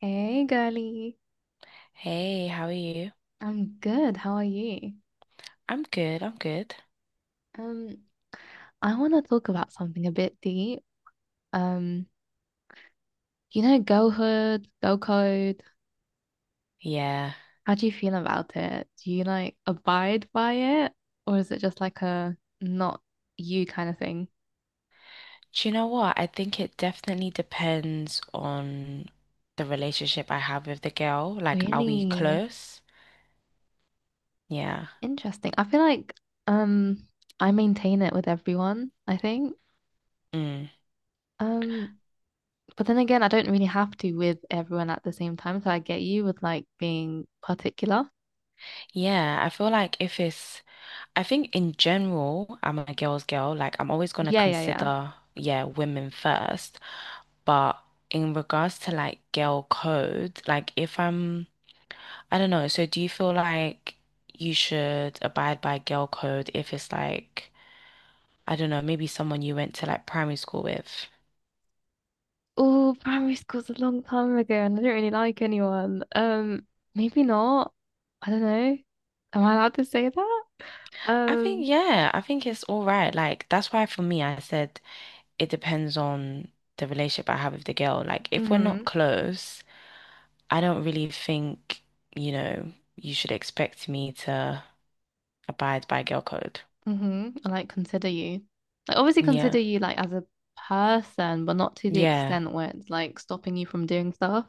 Hey, girly. Hey, how are you? I'm good. How are you? I'm good, I'm good. Um, I want to talk about something a bit deep. Um, girlhood, girl code. Yeah. How do you feel about it? Do you like abide by it, or is it just like a not you kind of thing? Do you know what? I think it definitely depends on the relationship I have with the girl. Like, are we Really close? Yeah. interesting. I feel like um, I maintain it with everyone, I think. Mm. Um, but then again, I don't really have to with everyone at the same time. So I get you with like being particular. Yeah, I feel like if it's, I think in general, I'm a girl's girl. Like, I'm always gonna Yeah, yeah, yeah. consider, yeah, women first. But in regards to like girl code, like if I'm, I don't know. So do you feel like you should abide by girl code if it's like I don't know, maybe someone you went to like primary school with. Oh, primary school's a long time ago and I don't really like anyone. Maybe not. I don't know. Am I allowed to say that? I think, Um, yeah, I think it's all right. Like, that's why for me, I said it depends on the relationship I have with the girl. Like, if we're not mm-hmm. close, I don't really think, you should expect me to abide by girl code. Mm-hmm, I like consider you. Like obviously consider Yeah. you like as a person, but not to the Yeah, extent where it's like stopping you from doing stuff.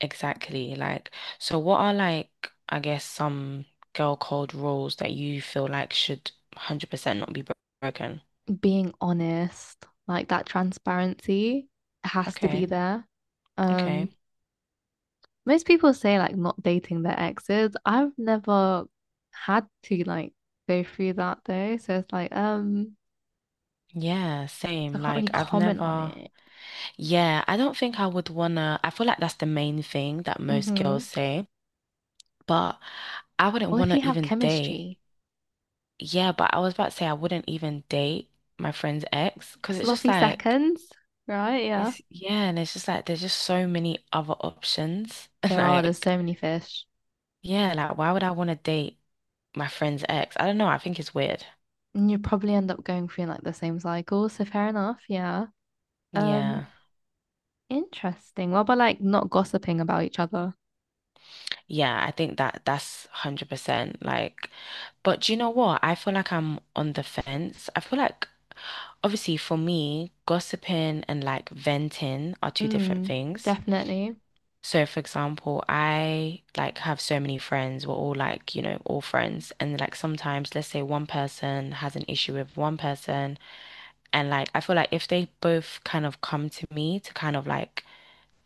exactly. Like, so what are like, I guess, some girl code rules that you feel like should 100% not be broken? Being honest, like that transparency has to be Okay. there. Okay. Um, Most people say like not dating their exes. I've never had to like go through that though. So it's like, Yeah, so I same. can't really Like I've comment on never, it. yeah, I don't think I would wanna, I feel like that's the main thing that most girls Mm-hmm. say, but I wouldn't Or if wanna you have even date. chemistry, Yeah, but I was about to say I wouldn't even date my friend's ex because it's just sloppy like, seconds, right? Yeah. it's, yeah, and it's just like there's just so many other options. There are, there's Like, so many fish. yeah, like why would I wanna date my friend's ex? I don't know. I think it's weird. And you probably end up going through like the same cycle. So fair enough. Yeah. Yeah. Um, Interesting. What about like not gossiping about each other? Yeah, I think that that's 100% like but do you know what? I feel like I'm on the fence. I feel like obviously for me, gossiping and like venting are two different Mm, things. definitely. So for example, I like have so many friends. We're all like, all friends. And like sometimes let's say one person has an issue with one person and like I feel like if they both kind of come to me to kind of like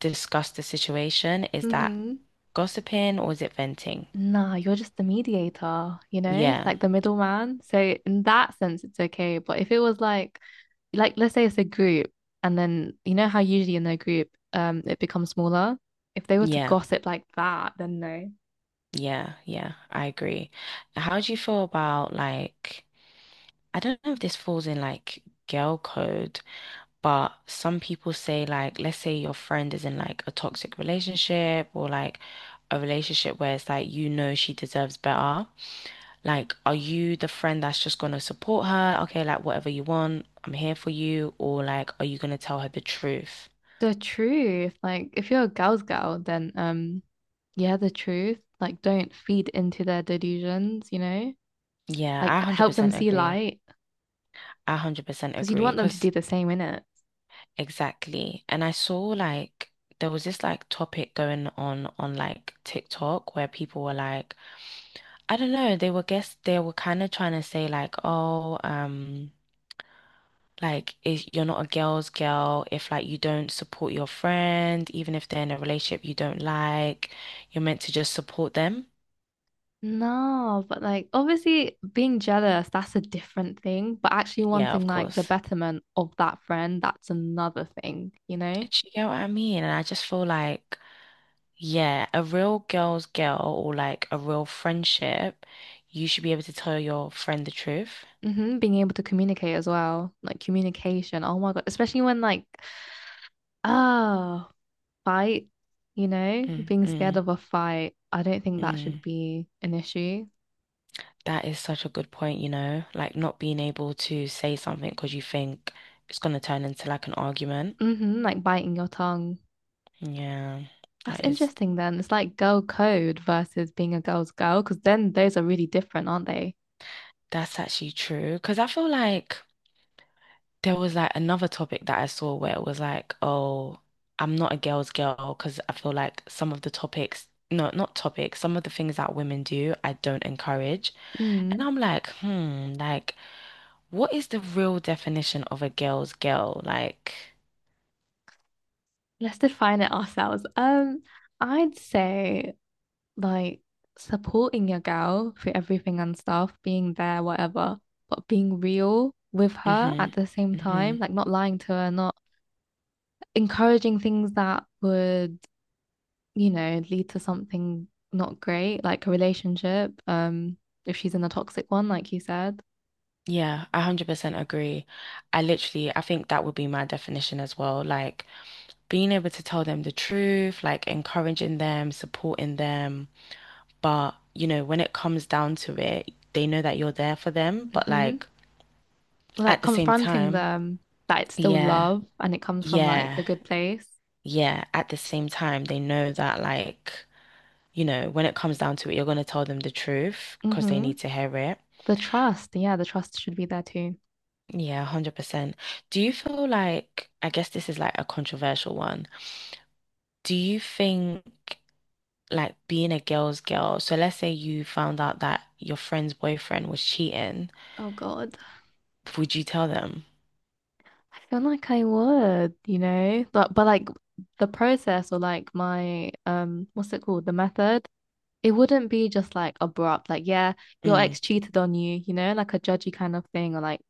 discuss the situation, is that Mm-hmm. gossiping or is it venting? Nah, you're just the mediator, you know, Yeah. like the middleman. So in that sense, it's okay. But if it was like let's say it's a group, and then you know how usually in their group, it becomes smaller. If they were to Yeah. gossip like that, then no. Yeah, yeah, I agree. How do you feel about like I don't know if this falls in like girl code, but some people say like let's say your friend is in like a toxic relationship or like a relationship where it's like you know she deserves better. Like are you the friend that's just gonna support her? Okay, like whatever you want, I'm here for you, or like are you gonna tell her the truth? The truth, like if you're a girl's girl, then yeah, the truth. Like don't feed into their delusions, you know. Yeah, I Like help them 100% see agree. light, I 100% because you'd want agree. them to do the same in it. Exactly. And I saw like there was this like topic going on like TikTok where people were like, I don't know, they were kind of trying to say like, oh, like if you're not a girl's girl if like you don't support your friend, even if they're in a relationship you don't like, you're meant to just support them. No, but like obviously being jealous, that's a different thing. But actually Yeah, wanting of like the course. betterment of that friend, that's another thing, you know? Do you get what I mean? And I just feel like, yeah, a real girl's girl or like a real friendship, you should be able to tell your friend the truth. Hmm. Being able to communicate as well. Like communication. Oh my God. Especially when like, oh, fight, you know, Mm, being scared mm, of a fight. I don't think that mm. should be an issue. That is such a good point, like not being able to say something because you think it's going to turn into like an argument. Hmm. Like biting your tongue. Yeah, That's that is, interesting then. It's like girl code versus being a girl's girl, because then those are really different, aren't they? that's actually true. Because I feel like there was like another topic that I saw where it was like, oh, I'm not a girl's girl because I feel like some of the topics, no, not topics, some of the things that women do, I don't encourage. And Mm. I'm like, hmm, like, what is the real definition of a girl's girl? Like, Let's define it ourselves. I'd say like supporting your girl through everything and stuff, being there, whatever, but being real with her hmm. at the same time, Hmm. like not lying to her, not encouraging things that would, you know, lead to something not great, like a relationship, if she's in a toxic one, like you said. Yeah, I 100% agree. I literally, I think that would be my definition as well. Like, being able to tell them the truth, like, encouraging them, supporting them. But, when it comes down to it, they know that you're there for them. But Hmm. like Like at the same confronting time, them that it's still yeah, love and it comes from like a yeah, good place. yeah. At the same time, they know that like, when it comes down to it, you're gonna tell them the truth because they Hmm. need to hear it. The trust, yeah, the trust should be there too. Yeah, 100%. Do you feel like, I guess this is like a controversial one. Do you think like being a girl's girl, so let's say you found out that your friend's boyfriend was cheating, Oh God, would you tell them? I feel like I would, you know, but like the process or like my what's it called? The method. It wouldn't be just like abrupt, like yeah, your Mm, ex cheated on you, you know, like a judgy kind of thing, or like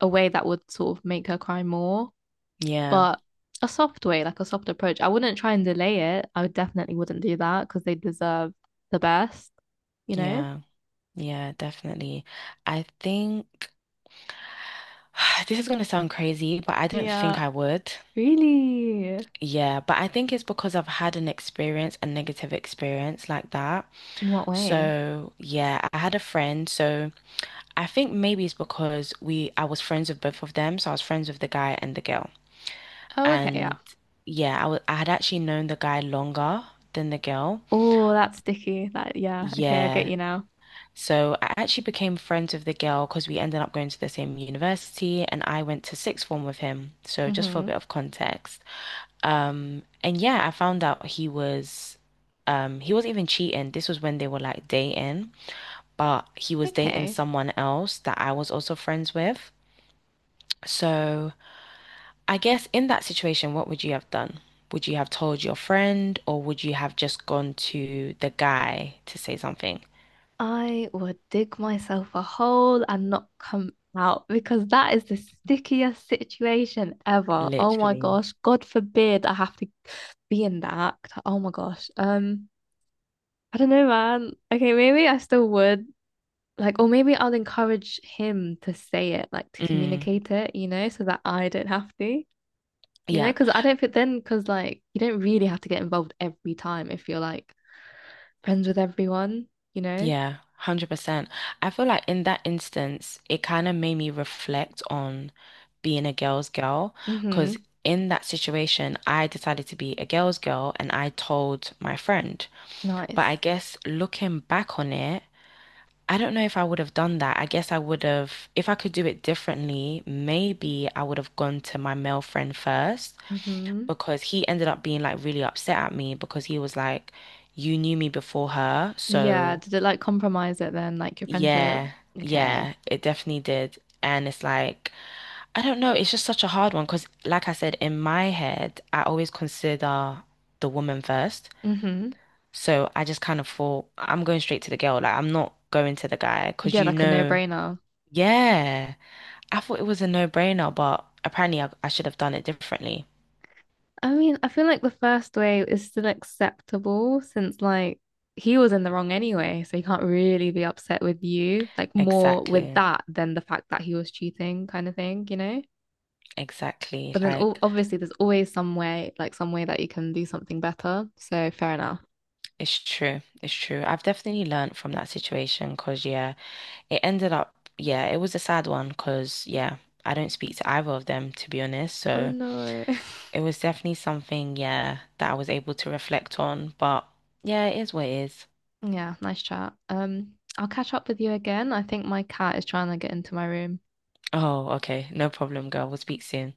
a way that would sort of make her cry more. yeah, But a soft way, like a soft approach. I wouldn't try and delay it. I definitely wouldn't do that because they deserve the best, you know? yeah. Yeah, definitely. I think this is going to sound crazy, but I don't think Yeah, I would. really. Yeah, but I think it's because I've had an experience, a negative experience like that. In what way? So, yeah, I had a friend. So, I think maybe it's because we I was friends with both of them. So, I was friends with the guy and the girl. Oh, okay, yeah. And yeah, I had actually known the guy longer than the girl. Oh, that's sticky. That, yeah, okay, I get Yeah. you now. So I actually became friends with the girl because we ended up going to the same university and I went to sixth form with him. So just for a Mm-hmm. bit of context. And yeah, I found out he wasn't even cheating. This was when they were like dating, but he was dating Okay. someone else that I was also friends with. So I guess in that situation, what would you have done? Would you have told your friend or would you have just gone to the guy to say something? I would dig myself a hole and not come out because that is the stickiest situation ever. Oh my Literally. gosh. God forbid I have to be in that. Oh my gosh. I don't know, man. Okay, maybe I still would like, or maybe I'll encourage him to say it, like to Mm, communicate it, you know, so that I don't have to, you know, yeah. because I don't fit then, because like you don't really have to get involved every time if you're like friends with everyone, you know. Yeah, 100%. I feel like in that instance, it kind of made me reflect on being a girl's girl because Mm-hmm. in that situation, I decided to be a girl's girl and I told my friend. But I Nice. guess looking back on it, I don't know if I would have done that. I guess I would have, if I could do it differently, maybe I would have gone to my male friend first Mm-hmm. because he ended up being like really upset at me because he was like, you knew me before her, Yeah. so. Did it like compromise it then, like your friendship? Yeah, Okay. yeah, it definitely did. And it's like, I don't know, it's just such a hard one because, like I said, in my head, I always consider the woman first. Mm-hmm. So I just kind of thought, I'm going straight to the girl. Like, I'm not going to the guy because, Yeah, you like a know, no-brainer. yeah, I thought it was a no-brainer, but apparently I should have done it differently. I mean, I feel like the first wave is still acceptable since like he was in the wrong anyway, so you can't really be upset with you, like more with Exactly, that than the fact that he was cheating kind of thing, you know? exactly. But then Like, obviously there's always some way, like some way that you can do something better. So fair enough. it's true, it's true. I've definitely learned from that situation because, yeah. It ended up, yeah, it was a sad one because, yeah, I don't speak to either of them, to be honest. Oh So no. it was definitely something, yeah, that I was able to reflect on. But yeah, it is what it is. Yeah, nice chat. I'll catch up with you again. I think my cat is trying to get into my room. Oh, okay. No problem, girl. We'll speak soon.